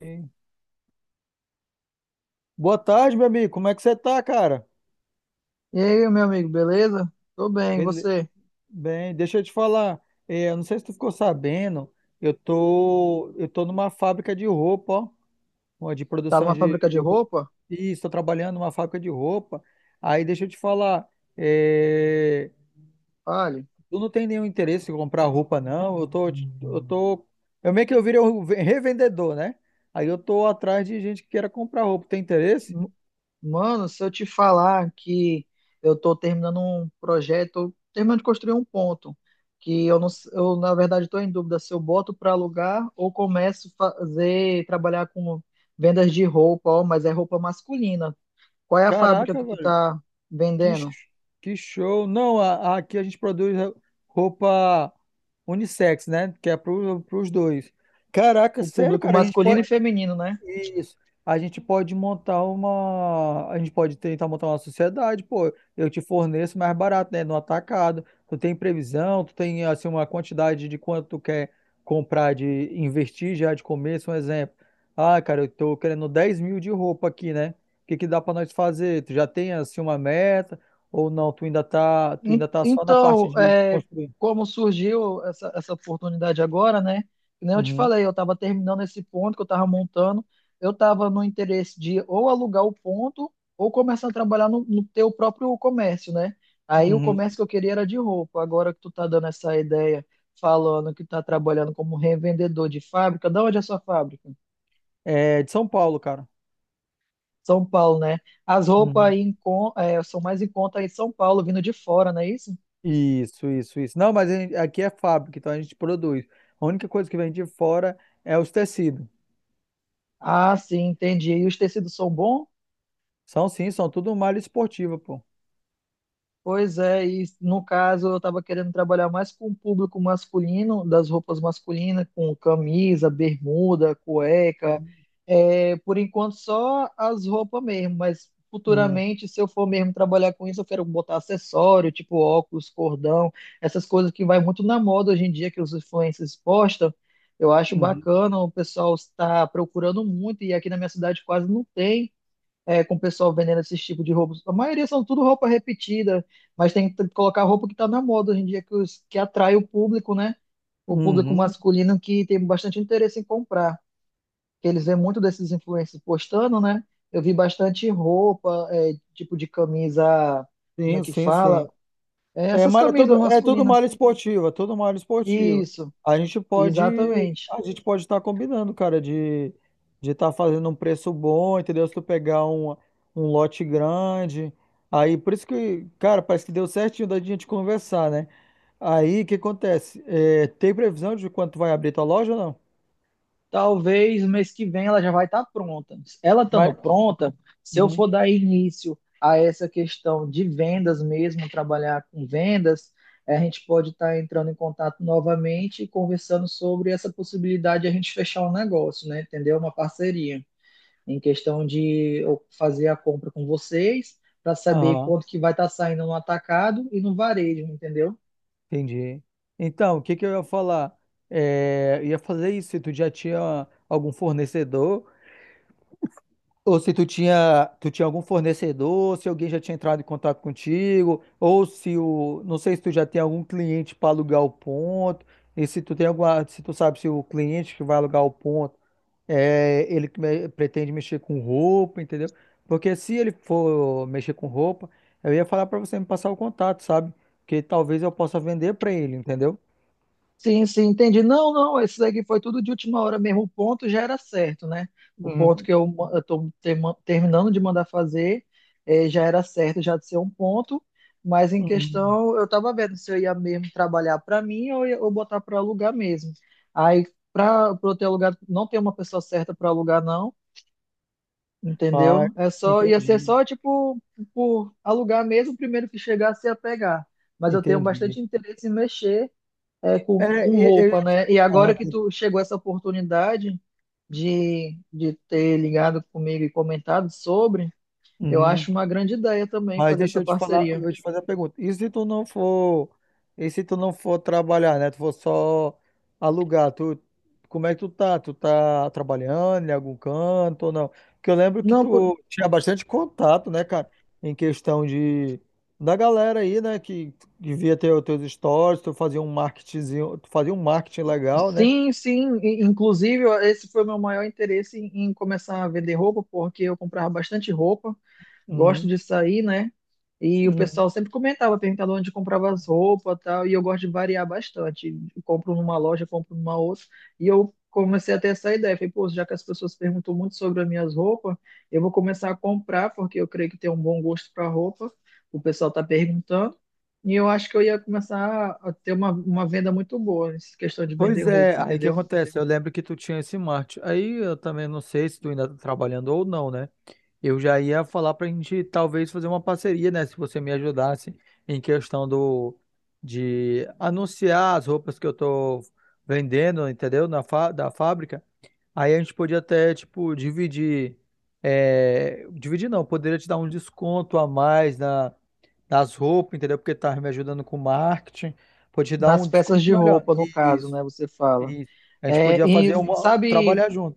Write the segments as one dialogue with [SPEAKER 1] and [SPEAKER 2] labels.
[SPEAKER 1] Ei, boa tarde, meu amigo. Como é que você tá, cara?
[SPEAKER 2] E aí, meu amigo, beleza? Tô bem, e
[SPEAKER 1] Bele...
[SPEAKER 2] você?
[SPEAKER 1] Bem, deixa eu te falar. Eu não sei se tu ficou sabendo, eu tô numa fábrica de roupa, ó, uma de
[SPEAKER 2] Tá
[SPEAKER 1] produção
[SPEAKER 2] numa
[SPEAKER 1] de,
[SPEAKER 2] fábrica de
[SPEAKER 1] de roupa.
[SPEAKER 2] roupa?
[SPEAKER 1] Isso, tô trabalhando numa fábrica de roupa. Aí deixa eu te falar, é,
[SPEAKER 2] Fale.
[SPEAKER 1] tu não tem nenhum interesse em comprar roupa, não? Eu tô, eu meio que eu virei um revendedor, né? Aí eu tô atrás de gente que queira comprar roupa. Tem interesse?
[SPEAKER 2] M- Mano, se eu te falar que eu tô terminando um projeto, terminando de construir um ponto, que eu não, eu na verdade tô em dúvida se eu boto para alugar ou começo a fazer, trabalhar com vendas de roupa, ó, mas é roupa masculina. Qual é a fábrica
[SPEAKER 1] Caraca,
[SPEAKER 2] que tu
[SPEAKER 1] velho.
[SPEAKER 2] tá
[SPEAKER 1] Que,
[SPEAKER 2] vendendo?
[SPEAKER 1] sh- que show! Não, aqui a gente produz roupa unissex, né? Que é para os dois. Caraca,
[SPEAKER 2] O
[SPEAKER 1] sério,
[SPEAKER 2] público
[SPEAKER 1] cara, a gente
[SPEAKER 2] masculino
[SPEAKER 1] pode,
[SPEAKER 2] e feminino, né?
[SPEAKER 1] isso. A gente pode montar uma. A gente pode tentar montar uma sociedade, pô. Eu te forneço mais barato, né? No atacado. Tu tem previsão, tu tem assim, uma quantidade de quanto tu quer comprar, de investir já de começo, um exemplo. Ah, cara, eu tô querendo 10.000 de roupa aqui, né? O que que dá pra nós fazer? Tu já tem assim uma meta? Ou não? Tu ainda tá, tu ainda tá só na parte
[SPEAKER 2] Então,
[SPEAKER 1] de
[SPEAKER 2] é,
[SPEAKER 1] construir.
[SPEAKER 2] como surgiu essa oportunidade agora, né? Que nem eu te
[SPEAKER 1] Uhum,
[SPEAKER 2] falei, eu estava terminando esse ponto que eu estava montando, eu estava no interesse de ou alugar o ponto ou começar a trabalhar no, no teu próprio comércio, né? Aí o
[SPEAKER 1] uhum.
[SPEAKER 2] comércio que eu queria era de roupa. Agora que tu tá dando essa ideia, falando que tá trabalhando como revendedor de fábrica, da onde é a sua fábrica?
[SPEAKER 1] É de São Paulo, cara.
[SPEAKER 2] São Paulo, né? As roupas
[SPEAKER 1] Uhum.
[SPEAKER 2] aí em é, são mais em conta aí em São Paulo, vindo de fora, não é isso?
[SPEAKER 1] Isso, isso, isso. Não, mas aqui é fábrica, então a gente produz. A única coisa que vem de fora é os tecidos.
[SPEAKER 2] Ah, sim, entendi. E os tecidos são bons?
[SPEAKER 1] São sim, são tudo malha esportiva, pô.
[SPEAKER 2] Pois é, e no caso eu estava querendo trabalhar mais com o público masculino, das roupas masculinas, com camisa, bermuda, cueca. É, por enquanto só as roupas mesmo, mas
[SPEAKER 1] Uhum,
[SPEAKER 2] futuramente, se eu for mesmo trabalhar com isso, eu quero botar acessório, tipo óculos, cordão, essas coisas que vai muito na moda hoje em dia, que os influencers postam. Eu acho
[SPEAKER 1] uhum,
[SPEAKER 2] bacana, o pessoal está procurando muito, e aqui na minha cidade quase não tem. É, com o pessoal vendendo esses tipos de roupas. A maioria são tudo roupa repetida, mas tem que colocar roupa que está na moda hoje em dia, que, que atrai o público, né? O público
[SPEAKER 1] uhum.
[SPEAKER 2] masculino que tem bastante interesse em comprar. Que eles vêem muito desses influencers postando, né? Eu vi bastante roupa, é, tipo de camisa, como é
[SPEAKER 1] Sim,
[SPEAKER 2] que
[SPEAKER 1] sim, sim.
[SPEAKER 2] fala? É,
[SPEAKER 1] É,
[SPEAKER 2] essas
[SPEAKER 1] malha, é tudo,
[SPEAKER 2] camisas
[SPEAKER 1] é tudo
[SPEAKER 2] masculinas.
[SPEAKER 1] malha esportiva, tudo malha esportiva.
[SPEAKER 2] Isso,
[SPEAKER 1] A gente pode,
[SPEAKER 2] exatamente.
[SPEAKER 1] a gente pode estar combinando, cara, de estar fazendo um preço bom, entendeu? Se tu pegar um lote grande, aí por isso que, cara, parece que deu certinho da gente conversar, né? Aí, o que acontece? Tem previsão de quanto vai abrir tua loja ou não?
[SPEAKER 2] Talvez mês que vem ela já vai estar pronta. Ela
[SPEAKER 1] Mas,
[SPEAKER 2] estando pronta, se eu
[SPEAKER 1] uhum.
[SPEAKER 2] for dar início a essa questão de vendas mesmo, trabalhar com vendas, eh, a gente pode estar entrando em contato novamente e conversando sobre essa possibilidade de a gente fechar um negócio, né? Entendeu? Uma parceria em questão de eu fazer a compra com vocês para saber
[SPEAKER 1] Aham,
[SPEAKER 2] quanto que vai estar saindo no atacado e no varejo, entendeu?
[SPEAKER 1] entendi. Então, o que que eu ia falar? Eu ia fazer isso se tu já tinha algum fornecedor, ou se tu tinha algum fornecedor, se alguém já tinha entrado em contato contigo, ou se o, não sei se tu já tem algum cliente para alugar o ponto, e se tu sabe se o cliente que vai alugar o ponto ele que pretende mexer com roupa, entendeu? Porque se ele for mexer com roupa, eu ia falar pra você me passar o contato, sabe? Que talvez eu possa vender pra ele, entendeu?
[SPEAKER 2] Sim, sim, entendi. Não, não, esse daqui foi tudo de última hora mesmo. O ponto já era certo, né? O ponto
[SPEAKER 1] Uhum,
[SPEAKER 2] que eu estou terminando de mandar fazer eh, já era certo, já de ser um ponto, mas em
[SPEAKER 1] uhum.
[SPEAKER 2] questão eu estava vendo se eu ia mesmo trabalhar para mim ou, ou botar para alugar mesmo. Aí, para eu ter alugado, não tem uma pessoa certa para alugar, não,
[SPEAKER 1] Ah,
[SPEAKER 2] entendeu? É só, ia ser
[SPEAKER 1] entendi,
[SPEAKER 2] só, tipo, por alugar mesmo, o primeiro que chegasse ia pegar. Mas eu tenho
[SPEAKER 1] entendi.
[SPEAKER 2] bastante interesse em mexer é, com
[SPEAKER 1] É, eu,
[SPEAKER 2] roupa, né? E
[SPEAKER 1] ah,
[SPEAKER 2] agora que
[SPEAKER 1] tá.
[SPEAKER 2] tu chegou essa oportunidade de ter ligado comigo e comentado sobre, eu
[SPEAKER 1] Uhum.
[SPEAKER 2] acho uma grande ideia também
[SPEAKER 1] Mas
[SPEAKER 2] fazer
[SPEAKER 1] deixa
[SPEAKER 2] essa
[SPEAKER 1] eu te falar, eu
[SPEAKER 2] parceria.
[SPEAKER 1] vou te fazer a pergunta. E se tu não for trabalhar, né? Tu for só alugar, como é que tu tá? Tu tá trabalhando em algum canto ou não? Porque eu lembro que
[SPEAKER 2] Não, por...
[SPEAKER 1] tu tinha bastante contato, né, cara, em questão de da galera aí, né, que devia ter os teus stories, tu fazia um marketingzinho, tu fazia um marketing legal, né?
[SPEAKER 2] sim, sim. Inclusive, esse foi o meu maior interesse em, em começar a vender roupa, porque eu comprava bastante roupa. Gosto
[SPEAKER 1] Uhum,
[SPEAKER 2] de sair, né? E o
[SPEAKER 1] uhum.
[SPEAKER 2] pessoal sempre comentava, perguntava onde comprava as roupas e tal, e eu gosto de variar bastante. Eu compro numa loja, compro numa outra, e eu comecei a ter essa ideia. Falei, pô, já que as pessoas perguntam muito sobre as minhas roupas, eu vou começar a comprar, porque eu creio que tem um bom gosto para roupa, o pessoal tá perguntando, e eu acho que eu ia começar a ter uma venda muito boa nessa questão de vender
[SPEAKER 1] Pois é,
[SPEAKER 2] roupa,
[SPEAKER 1] aí que
[SPEAKER 2] entendeu?
[SPEAKER 1] acontece? Eu lembro que tu tinha esse marketing. Aí eu também não sei se tu ainda tá trabalhando ou não, né? Eu já ia falar para a gente talvez fazer uma parceria, né? Se você me ajudasse em questão do de anunciar as roupas que eu tô vendendo, entendeu? Da fábrica. Aí a gente podia até, tipo, dividir. Dividir não, poderia te dar um desconto a mais nas roupas, entendeu? Porque tá me ajudando com marketing. Podia te dar
[SPEAKER 2] Nas
[SPEAKER 1] um desconto
[SPEAKER 2] peças de
[SPEAKER 1] melhor.
[SPEAKER 2] roupa, no caso,
[SPEAKER 1] Isso,
[SPEAKER 2] né, você fala.
[SPEAKER 1] isso. A gente
[SPEAKER 2] É,
[SPEAKER 1] podia
[SPEAKER 2] e
[SPEAKER 1] fazer uma.
[SPEAKER 2] sabe.
[SPEAKER 1] Trabalhar junto.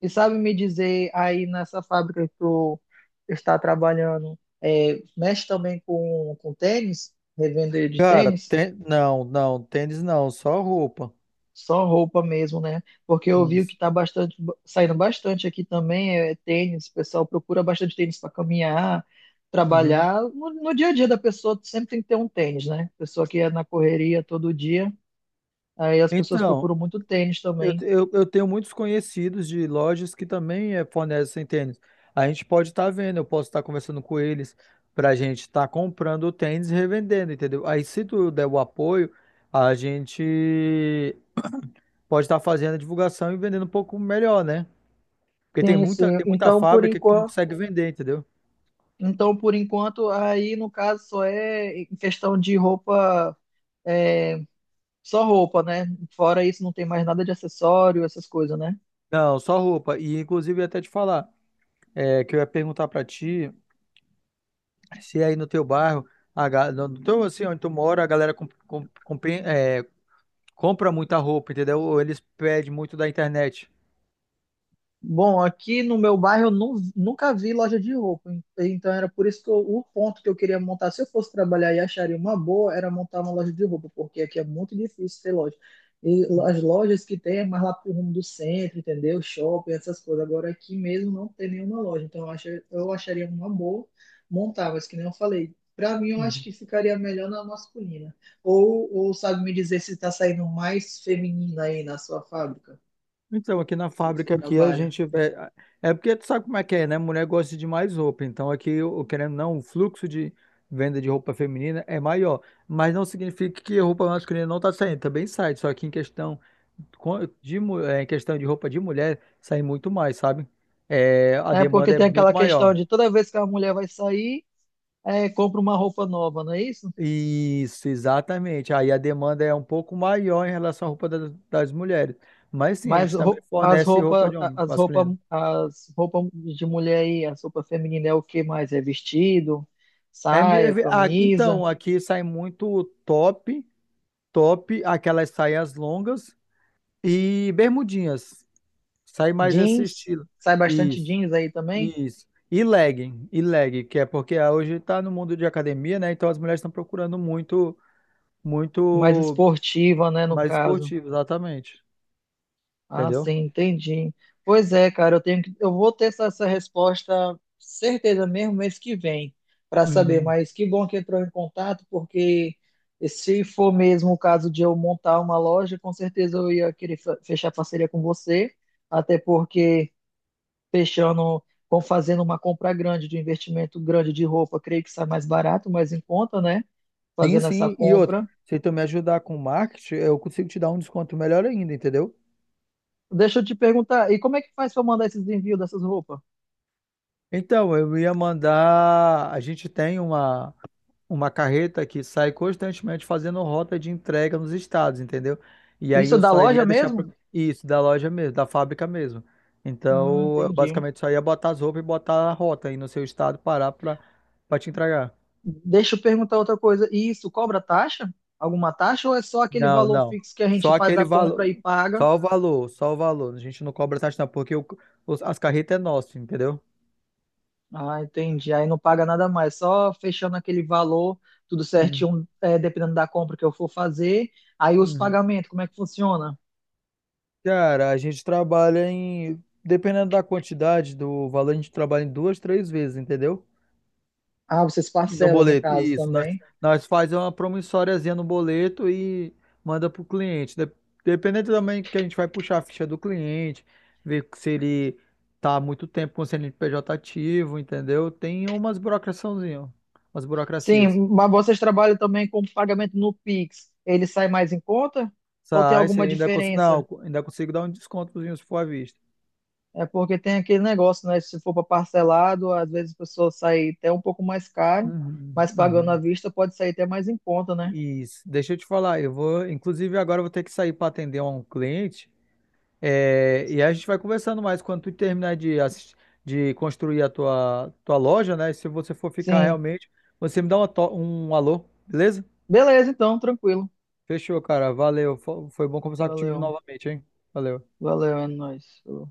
[SPEAKER 2] E sabe me dizer aí nessa fábrica que tu está trabalhando, é, mexe também com tênis, revender de
[SPEAKER 1] Cara,
[SPEAKER 2] tênis?
[SPEAKER 1] não, não, tênis não, só roupa.
[SPEAKER 2] Só roupa mesmo, né? Porque eu vi
[SPEAKER 1] Isso.
[SPEAKER 2] que está bastante, saindo bastante aqui também, é tênis, o pessoal procura bastante tênis para caminhar,
[SPEAKER 1] Uhum.
[SPEAKER 2] trabalhar. No, no dia a dia da pessoa sempre tem que ter um tênis, né? Pessoa que é na correria todo dia, aí as pessoas
[SPEAKER 1] Então,
[SPEAKER 2] procuram muito tênis
[SPEAKER 1] eu,
[SPEAKER 2] também.
[SPEAKER 1] eu, eu tenho muitos conhecidos de lojas que também fornecem tênis. A gente pode estar vendo, eu posso estar conversando com eles para a gente estar comprando o tênis e revendendo, entendeu? Aí, se tu der o apoio, a gente pode estar fazendo a divulgação e vendendo um pouco melhor, né? Porque tem
[SPEAKER 2] Sim,
[SPEAKER 1] muita,
[SPEAKER 2] sim.
[SPEAKER 1] tem muita
[SPEAKER 2] Então, por
[SPEAKER 1] fábrica que não
[SPEAKER 2] enquanto.
[SPEAKER 1] consegue vender, entendeu?
[SPEAKER 2] Então, por enquanto, aí no caso só é em questão de roupa, é, só roupa, né? Fora isso, não tem mais nada de acessório, essas coisas, né?
[SPEAKER 1] Não, só roupa. E, inclusive, eu ia até te falar, que eu ia perguntar para ti. Se aí no teu bairro, no teu, assim, onde tu mora, a galera compra muita roupa, entendeu? Ou eles pedem muito da internet.
[SPEAKER 2] Bom, aqui no meu bairro eu nunca vi loja de roupa, então era por isso que o ponto que eu queria montar, se eu fosse trabalhar e acharia uma boa, era montar uma loja de roupa, porque aqui é muito difícil ter loja. E as lojas que tem é mais lá pro rumo do centro, entendeu? Shopping, essas coisas. Agora aqui mesmo não tem nenhuma loja, então eu, eu acharia uma boa montar, mas que nem eu falei, para mim eu acho
[SPEAKER 1] Uhum.
[SPEAKER 2] que ficaria melhor na masculina. Ou sabe me dizer se está saindo mais feminina aí na sua fábrica
[SPEAKER 1] Então, aqui na
[SPEAKER 2] que você
[SPEAKER 1] fábrica, aqui a
[SPEAKER 2] trabalha?
[SPEAKER 1] gente. É porque tu sabe como é que é, né? Mulher gosta de mais roupa. Então, aqui, querendo ou não, o fluxo de venda de roupa feminina é maior. Mas não significa que a roupa masculina não tá saindo. Também sai. Só que em questão co- de, mu- é, em questão de roupa de mulher, sai muito mais, sabe? É, a
[SPEAKER 2] É
[SPEAKER 1] demanda
[SPEAKER 2] porque
[SPEAKER 1] é
[SPEAKER 2] tem
[SPEAKER 1] muito
[SPEAKER 2] aquela questão
[SPEAKER 1] maior.
[SPEAKER 2] de toda vez que a mulher vai sair, é, compra uma roupa nova, não é isso?
[SPEAKER 1] Isso, exatamente. Aí a demanda é um pouco maior em relação à roupa das mulheres. Mas sim, a
[SPEAKER 2] Mas
[SPEAKER 1] gente também
[SPEAKER 2] as
[SPEAKER 1] fornece roupa
[SPEAKER 2] roupas,
[SPEAKER 1] de homem masculino.
[SPEAKER 2] as roupas de mulher aí, as roupas femininas é o que mais? É vestido,
[SPEAKER 1] É, me- é,
[SPEAKER 2] saia,
[SPEAKER 1] ah,
[SPEAKER 2] camisa,
[SPEAKER 1] então, aqui sai muito top, aquelas saias longas e bermudinhas. Sai mais esse
[SPEAKER 2] jeans.
[SPEAKER 1] estilo.
[SPEAKER 2] Sai bastante
[SPEAKER 1] Isso,
[SPEAKER 2] jeans aí também,
[SPEAKER 1] isso. E legging, que é porque hoje está no mundo de academia, né? Então as mulheres estão procurando muito,
[SPEAKER 2] mais
[SPEAKER 1] muito
[SPEAKER 2] esportiva, né, no
[SPEAKER 1] mais
[SPEAKER 2] caso.
[SPEAKER 1] esportivo, exatamente.
[SPEAKER 2] Ah,
[SPEAKER 1] Entendeu?
[SPEAKER 2] sim, entendi. Pois é, cara, eu tenho que, eu vou ter essa, essa resposta certeza mesmo mês que vem para saber,
[SPEAKER 1] Uhum.
[SPEAKER 2] mas que bom que entrou em contato, porque se for mesmo o caso de eu montar uma loja, com certeza eu ia querer fechar parceria com você, até porque fechando, com fazendo uma compra grande de um investimento grande de roupa, creio que sai mais barato, mais em conta, né?
[SPEAKER 1] Sim,
[SPEAKER 2] Fazendo essa
[SPEAKER 1] sim. E outra,
[SPEAKER 2] compra.
[SPEAKER 1] se tu me ajudar com marketing, eu consigo te dar um desconto melhor ainda, entendeu?
[SPEAKER 2] Deixa eu te perguntar, e como é que faz para mandar esses envios dessas roupas?
[SPEAKER 1] Então, eu ia mandar. A gente tem uma carreta que sai constantemente fazendo rota de entrega nos estados, entendeu? E aí
[SPEAKER 2] Isso é
[SPEAKER 1] eu
[SPEAKER 2] da
[SPEAKER 1] só
[SPEAKER 2] loja
[SPEAKER 1] iria deixar
[SPEAKER 2] mesmo?
[SPEAKER 1] isso, da loja mesmo, da fábrica mesmo. Então, eu
[SPEAKER 2] Entendi.
[SPEAKER 1] basicamente só ia botar as roupas e botar a rota aí no seu estado, parar pra te entregar.
[SPEAKER 2] Deixa eu perguntar outra coisa. E isso cobra taxa? Alguma taxa ou é só aquele
[SPEAKER 1] Não,
[SPEAKER 2] valor
[SPEAKER 1] não.
[SPEAKER 2] fixo que a gente
[SPEAKER 1] Só
[SPEAKER 2] faz
[SPEAKER 1] aquele
[SPEAKER 2] a compra
[SPEAKER 1] valor.
[SPEAKER 2] e paga?
[SPEAKER 1] Só o valor, só o valor. A gente não cobra taxa, não, porque as carretas é nosso, entendeu?
[SPEAKER 2] Ah, entendi. Aí não paga nada mais, só fechando aquele valor, tudo
[SPEAKER 1] Hum,
[SPEAKER 2] certinho, é, dependendo da compra que eu for fazer. Aí os
[SPEAKER 1] hum.
[SPEAKER 2] pagamentos, como é que funciona?
[SPEAKER 1] Cara, a gente trabalha em. Dependendo da quantidade do valor, a gente trabalha em duas, três vezes, entendeu?
[SPEAKER 2] Ah, vocês
[SPEAKER 1] E no
[SPEAKER 2] parcelam no
[SPEAKER 1] boleto,
[SPEAKER 2] caso
[SPEAKER 1] isso. Nós,
[SPEAKER 2] também.
[SPEAKER 1] nós fazemos uma promissóriazinha no boleto e manda para o cliente. Dependendo também que a gente vai puxar a ficha do cliente, ver se ele tá há muito tempo com o CNPJ ativo, entendeu? Tem umas burocraçãozinhas, umas burocracias.
[SPEAKER 2] Sim, mas vocês trabalham também com pagamento no Pix. Ele sai mais em conta? Ou tem
[SPEAKER 1] Sai, você
[SPEAKER 2] alguma
[SPEAKER 1] ainda consigo,
[SPEAKER 2] diferença?
[SPEAKER 1] não, ainda consigo dar um descontozinho se for à vista.
[SPEAKER 2] É porque tem aquele negócio, né? Se for para parcelado, às vezes a pessoa sai até um pouco mais caro,
[SPEAKER 1] Uhum,
[SPEAKER 2] mas pagando à
[SPEAKER 1] uhum.
[SPEAKER 2] vista pode sair até mais em conta, né?
[SPEAKER 1] Isso. Deixa eu te falar, eu vou, inclusive agora eu vou ter que sair para atender um cliente. E aí a gente vai conversando mais quando tu terminar de construir a tua loja, né? E se você for ficar
[SPEAKER 2] Sim.
[SPEAKER 1] realmente, você me dá um alô, beleza?
[SPEAKER 2] Beleza, então, tranquilo.
[SPEAKER 1] Fechou, cara. Valeu. Foi bom conversar contigo
[SPEAKER 2] Valeu.
[SPEAKER 1] novamente, hein? Valeu.
[SPEAKER 2] Valeu, é nóis. Falou.